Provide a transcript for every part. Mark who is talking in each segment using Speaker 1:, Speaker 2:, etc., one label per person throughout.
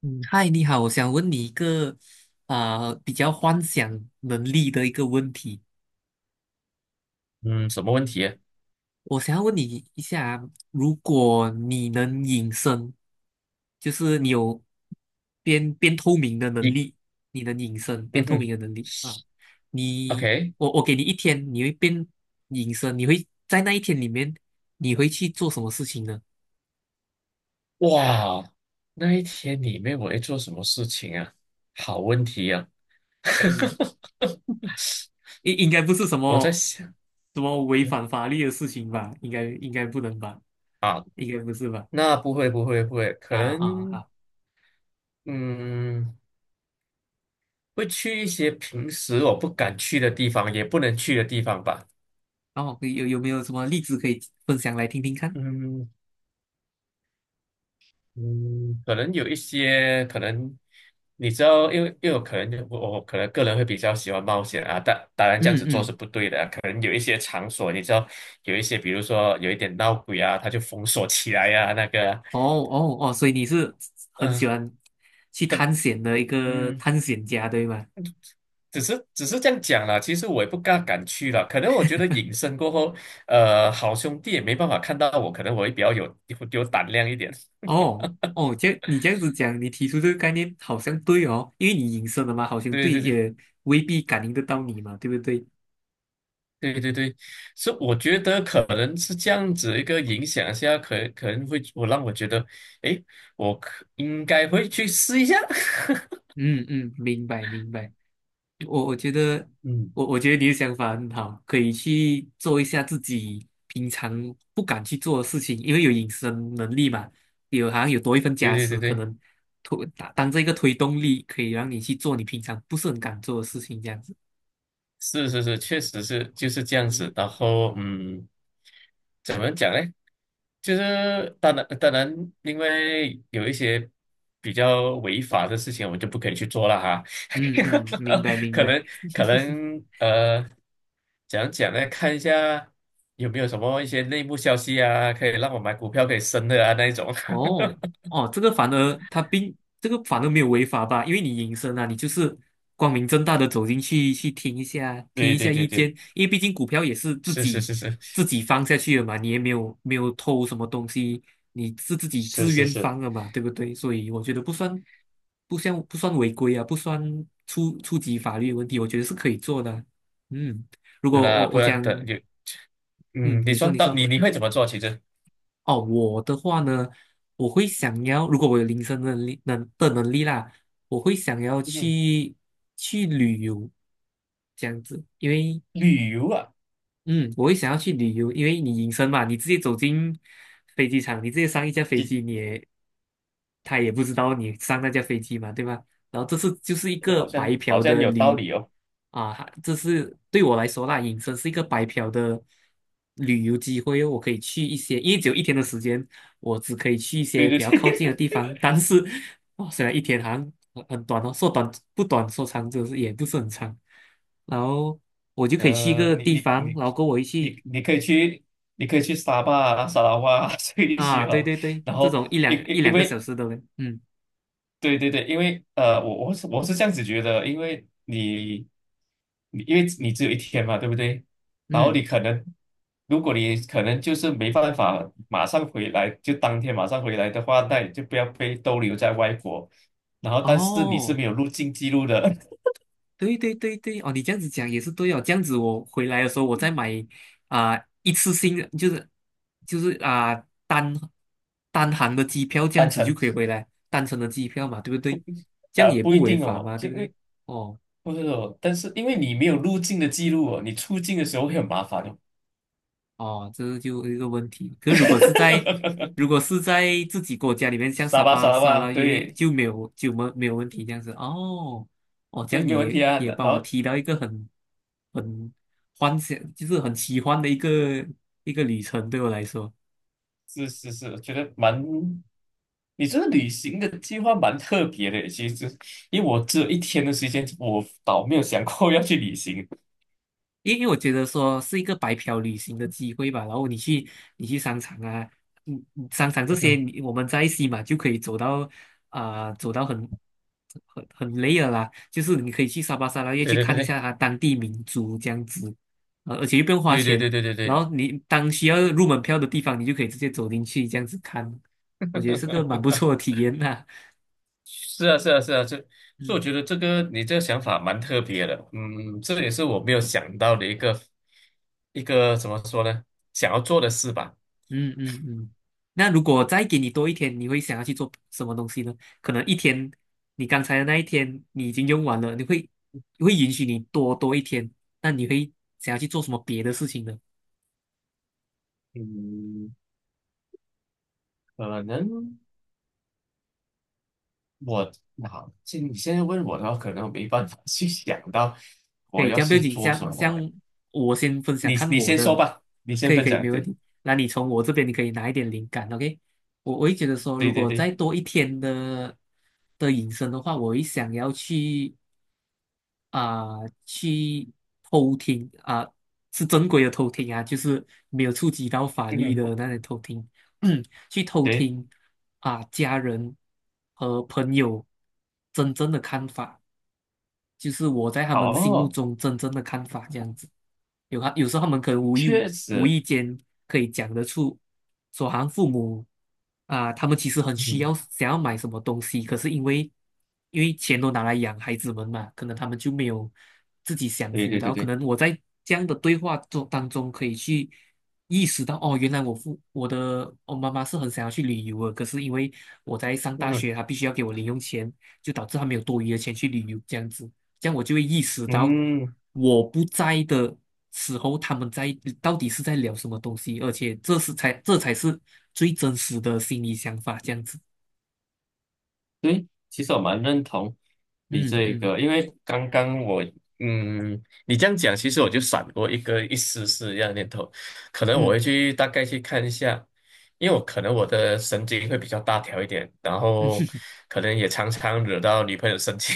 Speaker 1: 嗯，嗨，你好，我想问你一个比较幻想能力的一个问题。
Speaker 2: 嗯，什么问题？
Speaker 1: 我想要问你一下啊，如果你能隐身，就是你有变透明的能
Speaker 2: 一，
Speaker 1: 力，你能隐身变
Speaker 2: 嗯
Speaker 1: 透明
Speaker 2: 哼
Speaker 1: 的能力啊，你
Speaker 2: ，OK，
Speaker 1: 我给你一天，你会变隐身，你会在那一天里面，你会去做什么事情呢？
Speaker 2: 哇，那一天里面我会做什么事情啊？好问题啊。
Speaker 1: 嗯。应该不是什
Speaker 2: 我在
Speaker 1: 么
Speaker 2: 想
Speaker 1: 违反法律的事情吧？应该不能吧？
Speaker 2: 啊，
Speaker 1: 应该不是吧？
Speaker 2: 那不会，可
Speaker 1: 啊啊
Speaker 2: 能
Speaker 1: 啊！
Speaker 2: 嗯，会去一些平时我不敢去的地方，也不能去的地方吧。
Speaker 1: 哦，有没有什么例子可以分享来听听看？
Speaker 2: 嗯，嗯，可能有一些，可能你知道，因为因为我可能我我可能个人会比较喜欢冒险啊，但当然这样
Speaker 1: 嗯
Speaker 2: 子做是
Speaker 1: 嗯。
Speaker 2: 不对的啊，可能有一些场所，你知道，有一些比如说有一点闹鬼啊，他就封锁起来呀、啊，那个啊
Speaker 1: 哦哦哦，所以你是很
Speaker 2: 嗯、
Speaker 1: 喜欢去
Speaker 2: 可
Speaker 1: 探险的一个
Speaker 2: 嗯，
Speaker 1: 探险家，对吗？
Speaker 2: 只是这样讲啦，其实我也不大敢去了。可能我觉得隐身过后，好兄弟也没办法看到我，可能我会比较有胆量一点。
Speaker 1: 哦哦，这样你这样子讲，你提出这个概念好像对哦，因为你隐身了嘛，好像
Speaker 2: 对
Speaker 1: 对，
Speaker 2: 对对，
Speaker 1: 也未必感应得到你嘛，对不对？
Speaker 2: 对对对，是我觉得可能是这样子一个影响下，可能让我觉得，诶，我应该会去试一下。
Speaker 1: 嗯嗯，明白明白。我觉得，
Speaker 2: 嗯，
Speaker 1: 我觉得你的想法很好，可以去做一下自己平常不敢去做的事情，因为有隐身能力嘛，有好像有多一份
Speaker 2: 对
Speaker 1: 加
Speaker 2: 对
Speaker 1: 持，
Speaker 2: 对
Speaker 1: 可
Speaker 2: 对，
Speaker 1: 能推当当这个推动力，可以让你去做你平常不是很敢做的事情，这样子。
Speaker 2: 是是是，确实是就是这样子。然后嗯，怎么讲呢？就是当然，当然，因为有一些比较违法的事情，我们就不可以去做了哈。
Speaker 1: 嗯嗯，明白 明
Speaker 2: 可
Speaker 1: 白。
Speaker 2: 能可能呃，讲讲呢，看一下有没有什么一些内幕消息啊，可以让我买股票可以升的啊那一种。
Speaker 1: 哦哦，这个反而他并这个反而没有违法吧？因为你隐身啊，你就是光明正大的走进去去听一下，听
Speaker 2: 对
Speaker 1: 一下
Speaker 2: 对
Speaker 1: 意
Speaker 2: 对
Speaker 1: 见，
Speaker 2: 对，
Speaker 1: 因为毕竟股票也是自
Speaker 2: 是是
Speaker 1: 己
Speaker 2: 是是
Speaker 1: 自己放下去的嘛，你也没有偷什么东西，你是自己
Speaker 2: 是
Speaker 1: 自
Speaker 2: 是
Speaker 1: 愿
Speaker 2: 是，
Speaker 1: 放的嘛，对不对？所以我觉得不算不算违规啊，不算触及法律问题，我觉得是可以做的啊。嗯，如果
Speaker 2: 那
Speaker 1: 我
Speaker 2: 不
Speaker 1: 我
Speaker 2: 然
Speaker 1: 讲，
Speaker 2: 等就
Speaker 1: 嗯，
Speaker 2: 嗯，你说
Speaker 1: 你
Speaker 2: 到
Speaker 1: 说。
Speaker 2: 你会怎么做？其实
Speaker 1: 哦，我的话呢，我会想要，如果我有临身能力能力啦，我会想要
Speaker 2: 嗯，
Speaker 1: 去旅游，这样子，因为
Speaker 2: 旅游啊，
Speaker 1: 嗯，我会想要去旅游，因为你隐身嘛，你直接走进飞机场，你直接上一架飞
Speaker 2: 其实
Speaker 1: 机，他也不知道你上那架飞机嘛，对吧？然后就是一个
Speaker 2: 好像
Speaker 1: 白
Speaker 2: 好
Speaker 1: 嫖
Speaker 2: 像
Speaker 1: 的
Speaker 2: 有道
Speaker 1: 旅，
Speaker 2: 理哦。
Speaker 1: 啊，这是对我来说啦，隐身是一个白嫖的旅游机会哦，我可以去一些，因为只有一天的时间，我只可以去一
Speaker 2: 对
Speaker 1: 些
Speaker 2: 对
Speaker 1: 比较靠近的
Speaker 2: 对。
Speaker 1: 地方，但是哦，虽然一天好像很短哦，说短不短，说长就是也不是很长。然后我就可以去一
Speaker 2: 呃，
Speaker 1: 个地方，然后跟我一起
Speaker 2: 你可以去，你可以去沙巴啊、沙拉哇啊 这一
Speaker 1: 啊，
Speaker 2: 些
Speaker 1: 对
Speaker 2: 哦。
Speaker 1: 对对，
Speaker 2: 然
Speaker 1: 这
Speaker 2: 后
Speaker 1: 种
Speaker 2: 因
Speaker 1: 一
Speaker 2: 因因
Speaker 1: 两个小
Speaker 2: 为
Speaker 1: 时的嘞，嗯
Speaker 2: 对对对，因为呃，我是这样子觉得，因为你只有一天嘛，对不对？然后
Speaker 1: 嗯，
Speaker 2: 你可能，如果你可能就是没办法马上回来，就当天马上回来的话，那你就不要被逗留在外国。然后，但是你是
Speaker 1: 哦，
Speaker 2: 没有入境记录的。
Speaker 1: 对对对对，哦，你这样子讲也是对哦，这样子我回来的时候我再买啊、一次性的就是就是啊、单单行的机票，这样
Speaker 2: 单
Speaker 1: 子就
Speaker 2: 程，
Speaker 1: 可以回来，单程的机票嘛，对不对？这样
Speaker 2: 呃，
Speaker 1: 也
Speaker 2: 不
Speaker 1: 不
Speaker 2: 一
Speaker 1: 违
Speaker 2: 定
Speaker 1: 法
Speaker 2: 哦，
Speaker 1: 嘛，对
Speaker 2: 就
Speaker 1: 不
Speaker 2: 因
Speaker 1: 对？
Speaker 2: 为
Speaker 1: 哦。
Speaker 2: 不是哦，但是因为你没有入境的记录哦，你出境的时候会很麻烦哦。
Speaker 1: 哦，这是就一个问题。可是如果是在如 果是在自己国家里面，像
Speaker 2: 傻
Speaker 1: 沙
Speaker 2: 吧
Speaker 1: 巴、
Speaker 2: 傻了
Speaker 1: 沙
Speaker 2: 吧？
Speaker 1: 拉越
Speaker 2: 对
Speaker 1: 就没有就没没有问题这样子。哦，哦，这
Speaker 2: 对，
Speaker 1: 样
Speaker 2: 没
Speaker 1: 你
Speaker 2: 有问
Speaker 1: 也
Speaker 2: 题啊。
Speaker 1: 也
Speaker 2: 然
Speaker 1: 帮我
Speaker 2: 后
Speaker 1: 提到一个很很幻想，就是很奇幻的一个旅程，对我来说。
Speaker 2: 是是是，我觉得蛮，你这个旅行的计划蛮特别的。其实，因为我只有一天的时间，我倒没有想过要去旅行。
Speaker 1: 因为我觉得说是一个白嫖旅行的机会吧，然后你去商场啊，嗯，嗯，商场这些
Speaker 2: 嗯，
Speaker 1: 你我们在西马就可以走到走到很累了啦，就是你可以去沙巴沙拉越
Speaker 2: 对
Speaker 1: 去
Speaker 2: 对
Speaker 1: 看一
Speaker 2: 对
Speaker 1: 下它当地民族这样子，呃，而且又不用花
Speaker 2: 对对
Speaker 1: 钱，
Speaker 2: 对对对对
Speaker 1: 然
Speaker 2: 对。
Speaker 1: 后你当需要入门票的地方，你就可以直接走进去这样子看，我觉得是个蛮不错 的体验呐、
Speaker 2: 是啊，是啊，是啊，这，所以我
Speaker 1: 嗯。
Speaker 2: 觉得这个你这个想法蛮特别的，嗯，这也是我没有想到的一个一个怎么说呢，想要做的事吧。
Speaker 1: 嗯嗯嗯，那如果再给你多一天，你会想要去做什么东西呢？可能一天，你刚才的那一天你已经用完了，会允许你多一天，那你会想要去做什么别的事情呢？
Speaker 2: 嗯，可能我好，现在问我的话，可能我没办法 去想到
Speaker 1: 可
Speaker 2: 我
Speaker 1: 以，
Speaker 2: 要
Speaker 1: 这样不要
Speaker 2: 去
Speaker 1: 紧，
Speaker 2: 做什么。
Speaker 1: 像我先分享
Speaker 2: 你
Speaker 1: 看
Speaker 2: 你
Speaker 1: 我
Speaker 2: 先说
Speaker 1: 的，
Speaker 2: 吧，你先分
Speaker 1: 可以，
Speaker 2: 享。
Speaker 1: 没问
Speaker 2: 对
Speaker 1: 题。那你从我这边你可以拿一点灵感，OK？我会觉得说，如
Speaker 2: 对对
Speaker 1: 果再
Speaker 2: 对
Speaker 1: 多一天的隐身的话，我会想要去。啊、去偷听啊、是正规的偷听啊，就是没有触及到法
Speaker 2: 嗯
Speaker 1: 律
Speaker 2: 哼，
Speaker 1: 的那些偷听，去偷
Speaker 2: 对，
Speaker 1: 听啊、家人和朋友真正的看法。就是我在他们心目
Speaker 2: 哦，
Speaker 1: 中真正的看法这样子。有时候他们可能
Speaker 2: 确
Speaker 1: 无
Speaker 2: 实，
Speaker 1: 意间可以讲得出，说好像父母啊，他们其实很需
Speaker 2: 嗯，
Speaker 1: 要想要买什么东西，可是因为钱都拿来养孩子们嘛，可能他们就没有自己享
Speaker 2: 对
Speaker 1: 福，
Speaker 2: 对
Speaker 1: 然
Speaker 2: 对
Speaker 1: 后可
Speaker 2: 对，
Speaker 1: 能我在这样的对话中当中可以去意识到，哦，原来我的我妈妈是很想要去旅游的，可是因为我在上大
Speaker 2: 嗯
Speaker 1: 学，她必须要给我零用钱，就导致她没有多余的钱去旅游这样子。这样我就会意识到
Speaker 2: 哼嗯。
Speaker 1: 我不在的时候，他们在到底是在聊什么东西，而且这才是最真实的心理想法，这样子。
Speaker 2: 对，其实我蛮认同你
Speaker 1: 嗯
Speaker 2: 这
Speaker 1: 嗯
Speaker 2: 个，因为刚刚我，嗯，你这样讲，其实我就闪过一个一丝丝这样的念头，可能我
Speaker 1: 嗯
Speaker 2: 会去大概去看一下，因为我可能我的神经会比较大条一点，然
Speaker 1: 嗯，
Speaker 2: 后 可能也常常惹到女朋友生气。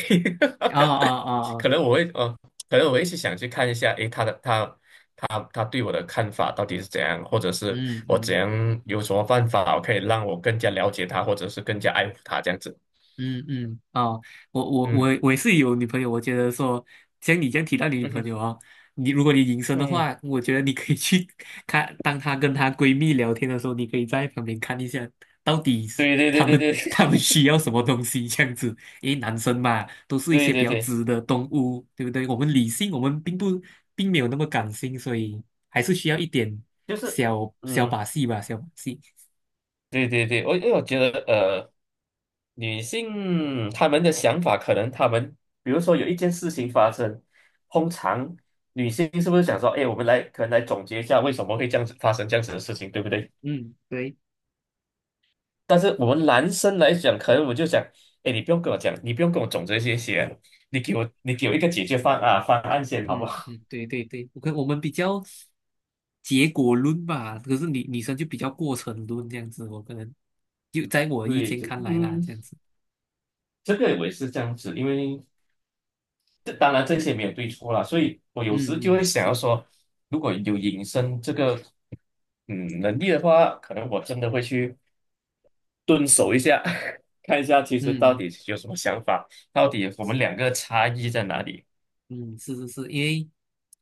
Speaker 1: 啊啊 啊
Speaker 2: 可
Speaker 1: 啊，
Speaker 2: 能我会，哦，可能我会去想去看一下，诶，她对我的看法到底是怎样，或者是
Speaker 1: 嗯
Speaker 2: 我怎
Speaker 1: 嗯。
Speaker 2: 样有什么办法可以让我更加了解她，或者是更加爱护她这样子。
Speaker 1: 嗯嗯啊，我我
Speaker 2: 嗯
Speaker 1: 我我也是有女朋友，我觉得说像你这样提到你女
Speaker 2: 嗯
Speaker 1: 朋
Speaker 2: 哼
Speaker 1: 友哦，你如果你隐 身的
Speaker 2: 嗯，
Speaker 1: 话，我觉得你可以去 看，当她跟她闺蜜聊天的时候，你可以在旁边看一下，到底是
Speaker 2: 对对对
Speaker 1: 她
Speaker 2: 对
Speaker 1: 们
Speaker 2: 对
Speaker 1: 她 们需要什么东西这样子。因为男生嘛，都是一
Speaker 2: 对
Speaker 1: 些比
Speaker 2: 对
Speaker 1: 较
Speaker 2: 对，
Speaker 1: 直的动物，对不对？我们理性，我们并不并没有那么感性，所以还是需要一点
Speaker 2: 就是
Speaker 1: 小小
Speaker 2: 嗯，
Speaker 1: 把戏吧，小把戏。
Speaker 2: 对对对，因为我觉得呃，女性她们的想法可能她们，比如说有一件事情发生，通常女性是不是想说，哎，我们来可能来总结一下为什么会这样子发生这样子的事情，对不对？
Speaker 1: 嗯，对。
Speaker 2: 但是我们男生来讲，可能我就想，哎，你不用跟我讲，你不用跟我总结这些，你给我一个解决方案啊方案先好不
Speaker 1: 嗯
Speaker 2: 好？
Speaker 1: 嗯，对对对，我看我们比较结果论吧，可是女生就比较过程论这样子，我可能就在我意
Speaker 2: 对，
Speaker 1: 见
Speaker 2: 就
Speaker 1: 看来啦，
Speaker 2: 嗯，
Speaker 1: 这样子，
Speaker 2: 这个我也是这样子，因为。这当然这些没有对错啦，所以我有
Speaker 1: 嗯
Speaker 2: 时就会
Speaker 1: 嗯
Speaker 2: 想要
Speaker 1: 是，
Speaker 2: 说，如果有隐身这个能力的话，可能我真的会去蹲守一下。看一下其实到
Speaker 1: 嗯
Speaker 2: 底有什么想法，到底我们两个差异在哪里。
Speaker 1: 嗯是是是，因为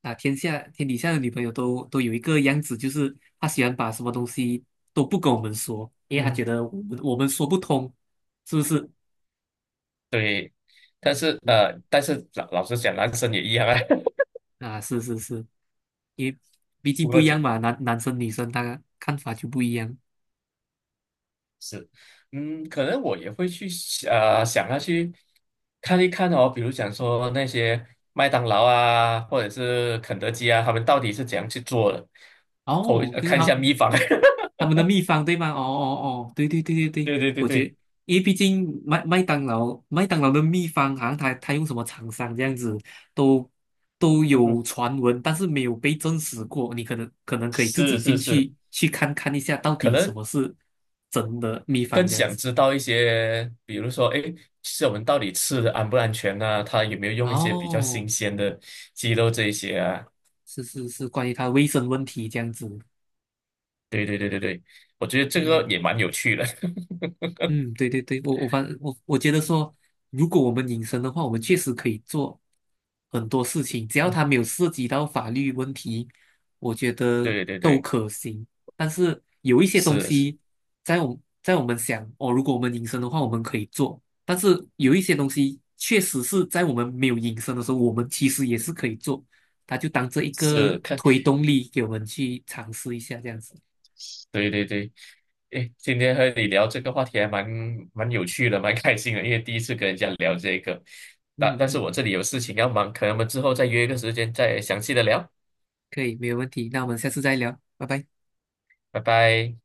Speaker 1: 啊天底下的女朋友都都有一个样子，就是她喜欢把什么东西都不跟我们说，因为她
Speaker 2: 嗯，
Speaker 1: 觉得我们说不通，是不是？
Speaker 2: 对。但是呃，
Speaker 1: 嗯，
Speaker 2: 但是老老实讲，男生也一样啊。
Speaker 1: 啊是是是，因为毕竟
Speaker 2: 不
Speaker 1: 不
Speaker 2: 过
Speaker 1: 一样嘛，男生女生他看法就不一样。
Speaker 2: 是，嗯，可能我也会想要去看一看哦，比如讲说那些麦当劳啊，或者是肯德基啊，他们到底是怎样去做的，偷
Speaker 1: 哦，就是
Speaker 2: 看一
Speaker 1: 他，
Speaker 2: 下秘方。
Speaker 1: 他们的秘方对吗？哦哦哦，对对对对对，
Speaker 2: 对对对
Speaker 1: 我觉
Speaker 2: 对，
Speaker 1: 得，因为毕竟麦当劳的秘方，好像他他用什么厂商这样子，都都
Speaker 2: 嗯
Speaker 1: 有
Speaker 2: 哼，
Speaker 1: 传闻，但是没有被证实过。你可能可以自己
Speaker 2: 是是
Speaker 1: 进
Speaker 2: 是，
Speaker 1: 去去看一下，到
Speaker 2: 可
Speaker 1: 底什
Speaker 2: 能
Speaker 1: 么是真的秘
Speaker 2: 更
Speaker 1: 方这样
Speaker 2: 想
Speaker 1: 子。
Speaker 2: 知道一些，比如说，哎，其实我们到底吃的安不安全啊，它有没有用一些比较
Speaker 1: 哦，
Speaker 2: 新鲜的鸡肉这一些啊？
Speaker 1: 是是是，关于它卫生问题这样子。
Speaker 2: 对对对对对，我觉得这个
Speaker 1: 嗯。
Speaker 2: 也蛮有趣的。
Speaker 1: 嗯，对对对，我我反我我觉得说，如果我们隐身的话，我们确实可以做很多事情，只要它没有涉及到法律问题，我觉得
Speaker 2: 对对
Speaker 1: 都
Speaker 2: 对
Speaker 1: 可行。但是有一些东
Speaker 2: 是是。
Speaker 1: 西在我们想哦，如果我们隐身的话，我们可以做，但是有一些东西确实是在我们没有隐身的时候，我们其实也是可以做，它就当这一
Speaker 2: 是
Speaker 1: 个
Speaker 2: 看，
Speaker 1: 推动力给我们去尝试一下这样子。
Speaker 2: 对对对，诶，今天和你聊这个话题还蛮有趣的，蛮开心的，因为第一次跟人家聊这个。但
Speaker 1: 嗯
Speaker 2: 但是
Speaker 1: 嗯，
Speaker 2: 我这里有事情要忙，可能我们之后再约一个时间再详细的聊，
Speaker 1: 可以，没有问题。那我们下次再聊，拜拜。
Speaker 2: 拜拜。